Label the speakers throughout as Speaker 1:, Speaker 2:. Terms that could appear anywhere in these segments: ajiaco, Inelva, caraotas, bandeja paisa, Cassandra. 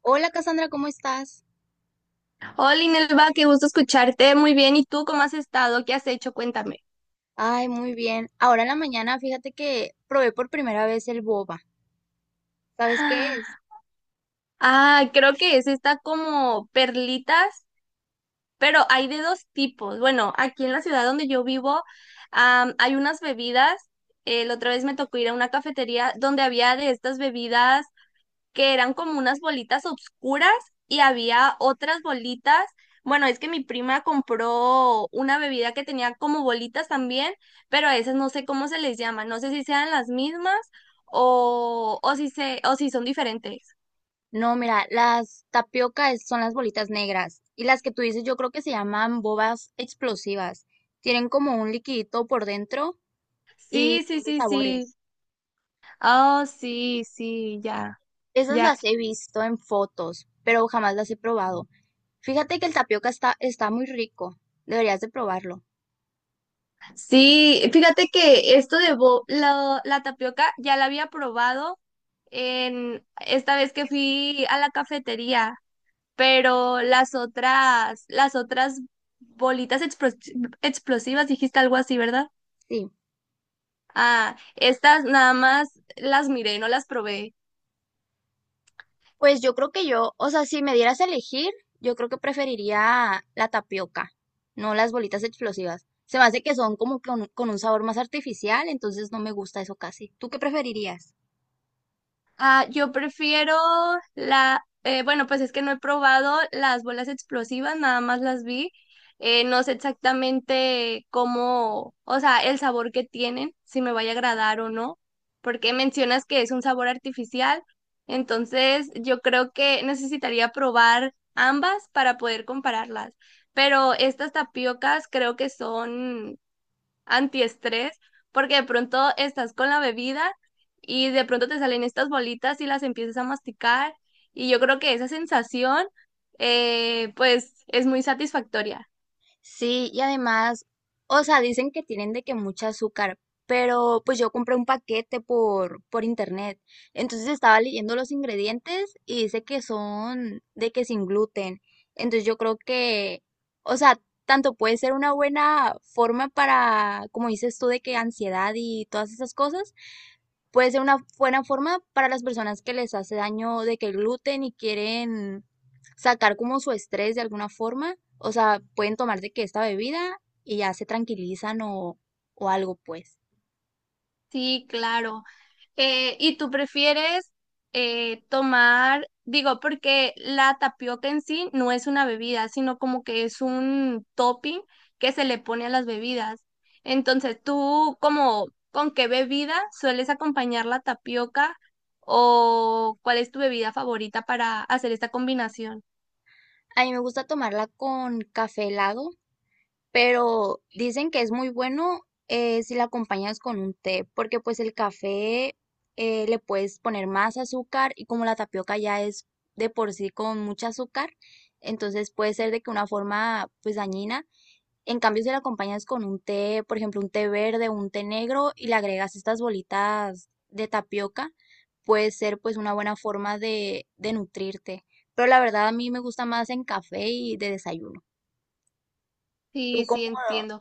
Speaker 1: Hola Cassandra, ¿cómo estás?
Speaker 2: Hola, Inelva, qué gusto escucharte. Muy bien. ¿Y tú cómo has estado? ¿Qué has hecho? Cuéntame.
Speaker 1: Ay, muy bien. Ahora en la mañana, fíjate que probé por primera vez el boba. ¿Sabes qué es?
Speaker 2: Ah, creo que es esta como perlitas, pero hay de dos tipos. Bueno, aquí en la ciudad donde yo vivo, hay unas bebidas. La otra vez me tocó ir a una cafetería donde había de estas bebidas que eran como unas bolitas oscuras y había otras bolitas. Bueno, es que mi prima compró una bebida que tenía como bolitas también, pero a esas no sé cómo se les llama, no sé si sean las mismas o si se, o si son diferentes.
Speaker 1: No, mira, las tapiocas son las bolitas negras y las que tú dices yo creo que se llaman bobas explosivas. Tienen como un liquidito por dentro y
Speaker 2: Sí, sí,
Speaker 1: son de
Speaker 2: sí, sí.
Speaker 1: sabores.
Speaker 2: Oh, sí, sí, ya.
Speaker 1: Esas
Speaker 2: Ya,
Speaker 1: las he visto en fotos, pero jamás las he probado. Fíjate que el tapioca está muy rico. Deberías de probarlo.
Speaker 2: sí, fíjate que esto de la tapioca ya la había probado en esta vez que fui a la cafetería, pero las otras bolitas explosivas, dijiste algo así, ¿verdad?
Speaker 1: Sí.
Speaker 2: Ah, estas nada más las miré, no las probé.
Speaker 1: Pues yo creo que yo, o sea, si me dieras a elegir, yo creo que preferiría la tapioca, no las bolitas explosivas. Se me hace que son como con un sabor más artificial, entonces no me gusta eso casi. ¿Tú qué preferirías?
Speaker 2: Ah, yo prefiero bueno, pues es que no he probado las bolas explosivas, nada más las vi. No sé exactamente cómo, o sea, el sabor que tienen, si me vaya a agradar o no, porque mencionas que es un sabor artificial, entonces yo creo que necesitaría probar ambas para poder compararlas. Pero estas tapiocas creo que son antiestrés, porque de pronto estás con la bebida y de pronto te salen estas bolitas y las empiezas a masticar y yo creo que esa sensación pues es muy satisfactoria.
Speaker 1: Sí, y además, o sea, dicen que tienen de que mucha azúcar, pero pues yo compré un paquete por internet. Entonces estaba leyendo los ingredientes y dice que son de que sin gluten. Entonces yo creo que, o sea, tanto puede ser una buena forma para, como dices tú, de que ansiedad y todas esas cosas, puede ser una buena forma para las personas que les hace daño de que el gluten y quieren sacar como su estrés de alguna forma. O sea, pueden tomar de que esta bebida y ya se tranquilizan o algo, pues.
Speaker 2: Sí, claro. ¿Y tú prefieres tomar, digo, porque la tapioca en sí no es una bebida, sino como que es un topping que se le pone a las bebidas? Entonces, ¿tú como con qué bebida sueles acompañar la tapioca o cuál es tu bebida favorita para hacer esta combinación?
Speaker 1: A mí me gusta tomarla con café helado, pero dicen que es muy bueno si la acompañas con un té, porque pues el café le puedes poner más azúcar y como la tapioca ya es de por sí con mucha azúcar, entonces puede ser de que una forma pues dañina. En cambio, si la acompañas con un té, por ejemplo, un té verde, o un té negro y le agregas estas bolitas de tapioca, puede ser pues una buena forma de nutrirte. Pero la verdad a mí me gusta más en café y de desayuno. ¿Tú
Speaker 2: Sí,
Speaker 1: cómo
Speaker 2: sí, entiendo.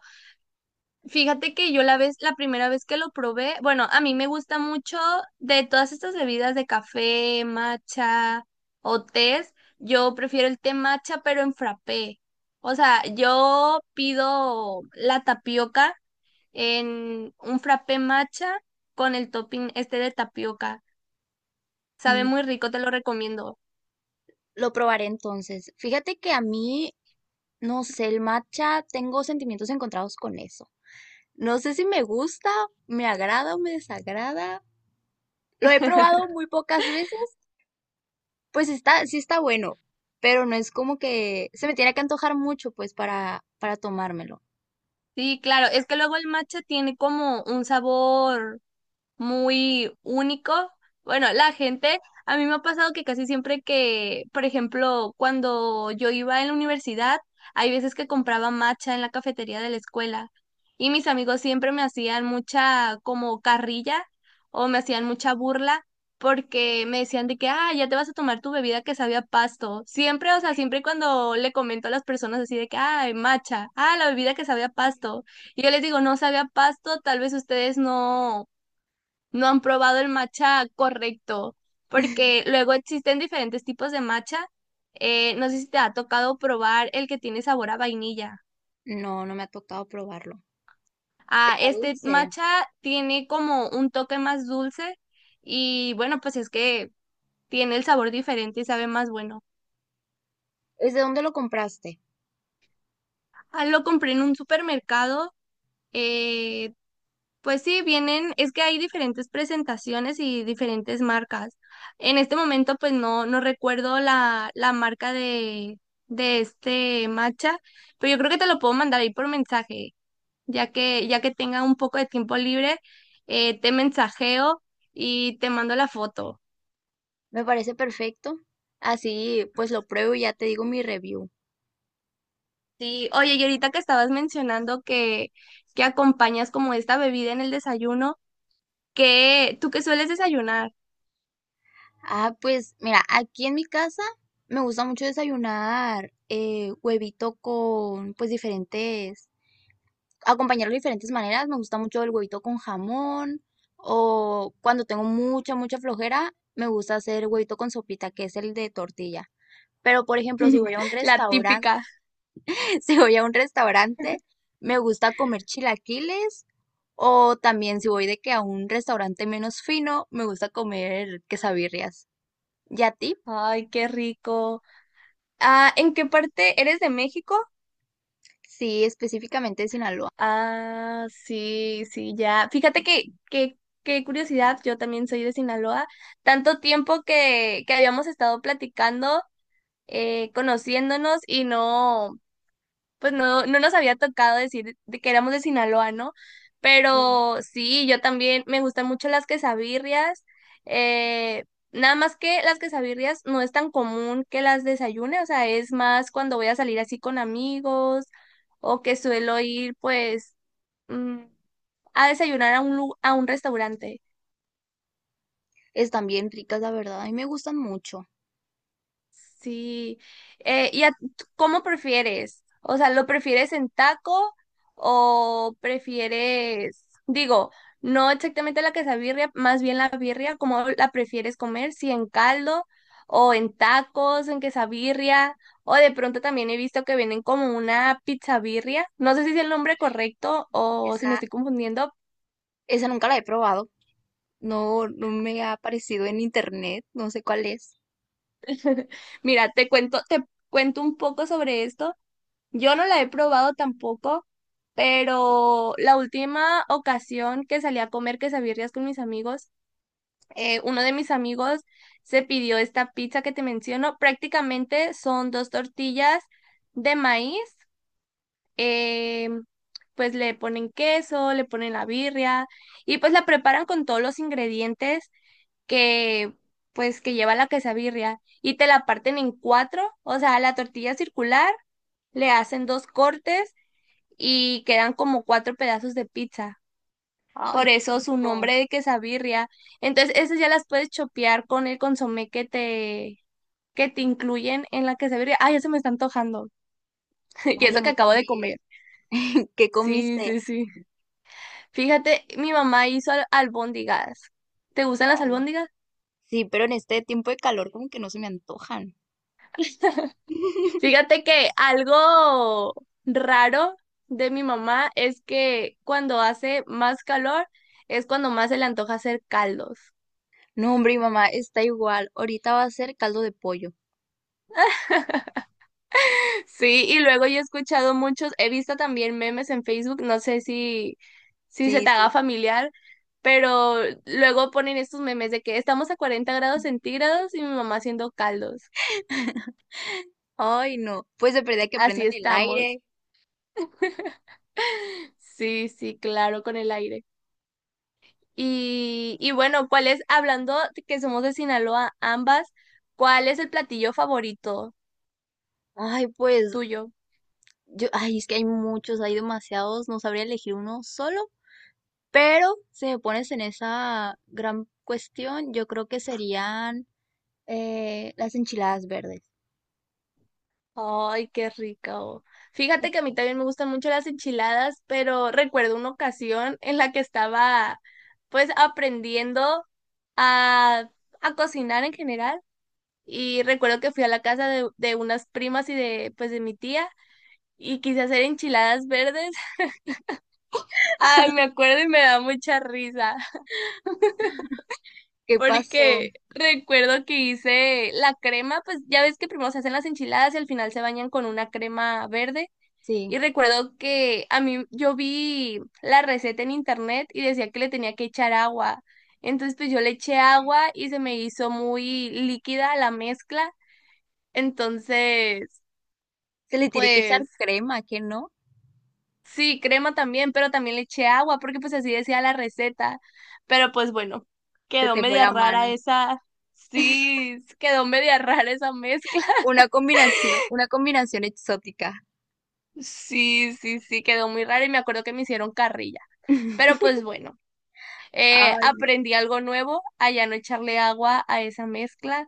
Speaker 2: Fíjate que yo la primera vez que lo probé, bueno, a mí me gusta mucho de todas estas bebidas de café, matcha o tés, yo prefiero el té matcha pero en frappé. O sea, yo pido la tapioca en un frappé matcha con el topping este de tapioca. Sabe
Speaker 1: mm,
Speaker 2: muy rico, te lo recomiendo.
Speaker 1: lo probaré entonces? Fíjate que a mí, no sé, el matcha, tengo sentimientos encontrados con eso. No sé si me gusta, me agrada o me desagrada. Lo he probado muy pocas veces. Pues está, sí está bueno, pero no es como que se me tiene que antojar mucho, pues, para tomármelo.
Speaker 2: Sí, claro, es que luego el matcha tiene como un sabor muy único. Bueno, la gente, a mí me ha pasado que casi siempre que, por ejemplo, cuando yo iba en la universidad, hay veces que compraba matcha en la cafetería de la escuela y mis amigos siempre me hacían mucha como carrilla o me hacían mucha burla porque me decían de que, ah, ya te vas a tomar tu bebida que sabía a pasto. Siempre, o sea, siempre cuando le comento a las personas así de que, ay, matcha, ah, la bebida que sabía a pasto. Y yo les digo, no sabía a pasto, tal vez ustedes no han probado el matcha correcto, porque luego existen diferentes tipos de matcha. No sé si te ha tocado probar el que tiene sabor a vainilla.
Speaker 1: No, no me ha tocado probarlo.
Speaker 2: Ah,
Speaker 1: Está
Speaker 2: este
Speaker 1: dulce.
Speaker 2: matcha tiene como un toque más dulce y bueno, pues es que tiene el sabor diferente y sabe más bueno.
Speaker 1: ¿Desde dónde lo compraste?
Speaker 2: Ah, lo compré en un supermercado. eh, Pues sí, vienen, es que hay diferentes presentaciones y diferentes marcas. En este momento, pues no, no recuerdo la marca de este matcha, pero yo creo que te lo puedo mandar ahí por mensaje, ya que tenga un poco de tiempo libre, te mensajeo y te mando la foto.
Speaker 1: Me parece perfecto. Así, pues lo pruebo y ya te digo mi review.
Speaker 2: Sí, oye, y ahorita que estabas mencionando que acompañas como esta bebida en el desayuno, ¿qué ¿tú qué sueles desayunar?
Speaker 1: Ah, pues mira, aquí en mi casa me gusta mucho desayunar huevito con pues diferentes acompañarlo de diferentes maneras. Me gusta mucho el huevito con jamón o cuando tengo mucha flojera, me gusta hacer huevito con sopita, que es el de tortilla. Pero, por ejemplo, si voy a un
Speaker 2: La
Speaker 1: restaurante,
Speaker 2: típica.
Speaker 1: si voy a un restaurante, me gusta comer chilaquiles o también si voy de que a un restaurante menos fino, me gusta comer quesabirrias. ¿Y a ti?
Speaker 2: Ay, qué rico. Ah, ¿en qué parte eres de México?
Speaker 1: Sí, específicamente de Sinaloa.
Speaker 2: Ah, sí, sí, ya. Fíjate qué curiosidad, yo también soy de Sinaloa. Tanto tiempo que habíamos estado platicando, conociéndonos y no, pues no, no nos había tocado decir de que éramos de Sinaloa, ¿no? Pero sí, yo también me gustan mucho las quesabirrias. eh, Nada más que las quesabirrias no es tan común que las desayune, o sea, es más cuando voy a salir así con amigos o que suelo ir pues mm, a desayunar a un, a un restaurante.
Speaker 1: Están bien ricas, la verdad. A mí me gustan mucho.
Speaker 2: Sí. ¿Y a- tú cómo prefieres? O sea, ¿lo prefieres en taco o prefieres, digo, no exactamente la quesabirria, más bien la birria, cómo la prefieres comer? ¿Si en caldo o en tacos, en quesabirria, o de pronto también he visto que vienen como una pizza birria? No sé si es el nombre correcto o si me
Speaker 1: Esa,
Speaker 2: estoy confundiendo.
Speaker 1: Esa nunca la he probado. No, no me ha aparecido en internet, no sé cuál es.
Speaker 2: Mira, te cuento un poco sobre esto. Yo no la he probado tampoco, pero la última ocasión que salí a comer quesabirrias con mis amigos, uno de mis amigos se pidió esta pizza que te menciono. Prácticamente son dos tortillas de maíz, eh, pues le ponen queso, le ponen la birria y pues la preparan con todos los ingredientes que pues que lleva la quesabirria y te la parten en cuatro, o sea, la tortilla circular, le hacen dos cortes y quedan como cuatro pedazos de pizza. Por
Speaker 1: Ay, qué
Speaker 2: eso su
Speaker 1: rico.
Speaker 2: nombre de quesabirria. Entonces, esas ya las puedes chopear con el consomé que te incluyen en la quesabirria. Ah, ya se me está antojando. Y
Speaker 1: Ay,
Speaker 2: eso
Speaker 1: a
Speaker 2: que
Speaker 1: mí
Speaker 2: acabo de
Speaker 1: también.
Speaker 2: comer.
Speaker 1: ¿Qué
Speaker 2: Sí,
Speaker 1: comiste?
Speaker 2: sí, sí. Fíjate, mi mamá hizo albóndigas. ¿Te gustan las
Speaker 1: Ay,
Speaker 2: albóndigas?
Speaker 1: sí, pero en este tiempo de calor como que no se me antojan.
Speaker 2: Fíjate que algo raro de mi mamá es que cuando hace más calor es cuando más se le antoja hacer caldos.
Speaker 1: No, hombre, mi mamá está igual. Ahorita va a ser caldo de pollo.
Speaker 2: Sí, y luego yo he escuchado muchos, he visto también memes en Facebook, no sé si, si se
Speaker 1: Sí,
Speaker 2: te
Speaker 1: sí.
Speaker 2: haga familiar, pero luego ponen estos memes de que estamos a 40 grados centígrados y mi mamá haciendo caldos.
Speaker 1: Ay, no. Pues de perdida que
Speaker 2: Así
Speaker 1: prendan el
Speaker 2: estamos.
Speaker 1: aire.
Speaker 2: Sí, sí, claro, con el aire. Y bueno, ¿cuál es, hablando de que somos de Sinaloa ambas, cuál es el platillo favorito
Speaker 1: Ay, pues
Speaker 2: tuyo?
Speaker 1: yo, ay, es que hay muchos, hay demasiados. No sabría elegir uno solo. Pero si me pones en esa gran cuestión, yo creo que serían las enchiladas verdes.
Speaker 2: Ay, qué rico. Fíjate que a mí también me gustan mucho las enchiladas, pero recuerdo una ocasión en la que estaba pues aprendiendo a, a cocinar en general y recuerdo que fui a la casa de unas primas y de pues de mi tía y quise hacer enchiladas verdes. Ay, me acuerdo y me da mucha risa
Speaker 1: ¿Qué pasó?
Speaker 2: porque recuerdo que hice la crema, pues ya ves que primero se hacen las enchiladas y al final se bañan con una crema verde. Y
Speaker 1: Sí,
Speaker 2: recuerdo que a mí yo vi la receta en internet y decía que le tenía que echar agua. Entonces pues yo le eché agua y se me hizo muy líquida la mezcla. Entonces
Speaker 1: se le tiene que echar
Speaker 2: pues
Speaker 1: crema, que no,
Speaker 2: sí, crema también, pero también le eché agua porque pues así decía la receta. Pero pues bueno,
Speaker 1: se
Speaker 2: quedó
Speaker 1: te fue
Speaker 2: media
Speaker 1: la
Speaker 2: rara
Speaker 1: mano.
Speaker 2: esa. Sí, quedó media rara esa mezcla.
Speaker 1: Una combinación exótica.
Speaker 2: Sí, sí, sí, quedó muy rara y me acuerdo que me hicieron carrilla. Pero pues bueno.
Speaker 1: Ay, no,
Speaker 2: Aprendí algo nuevo, a ya no echarle agua a esa mezcla.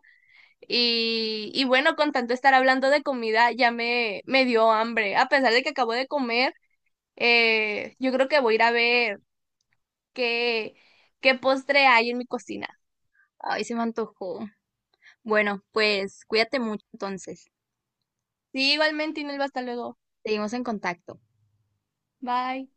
Speaker 2: Y bueno, con tanto estar hablando de comida, me dio hambre. A pesar de que acabo de comer, yo creo que voy a ir a ver qué, qué postre hay en mi cocina.
Speaker 1: ay, se me antojó. Bueno, pues cuídate mucho entonces.
Speaker 2: Sí, igualmente, Inelva, hasta luego.
Speaker 1: Seguimos en contacto.
Speaker 2: Bye.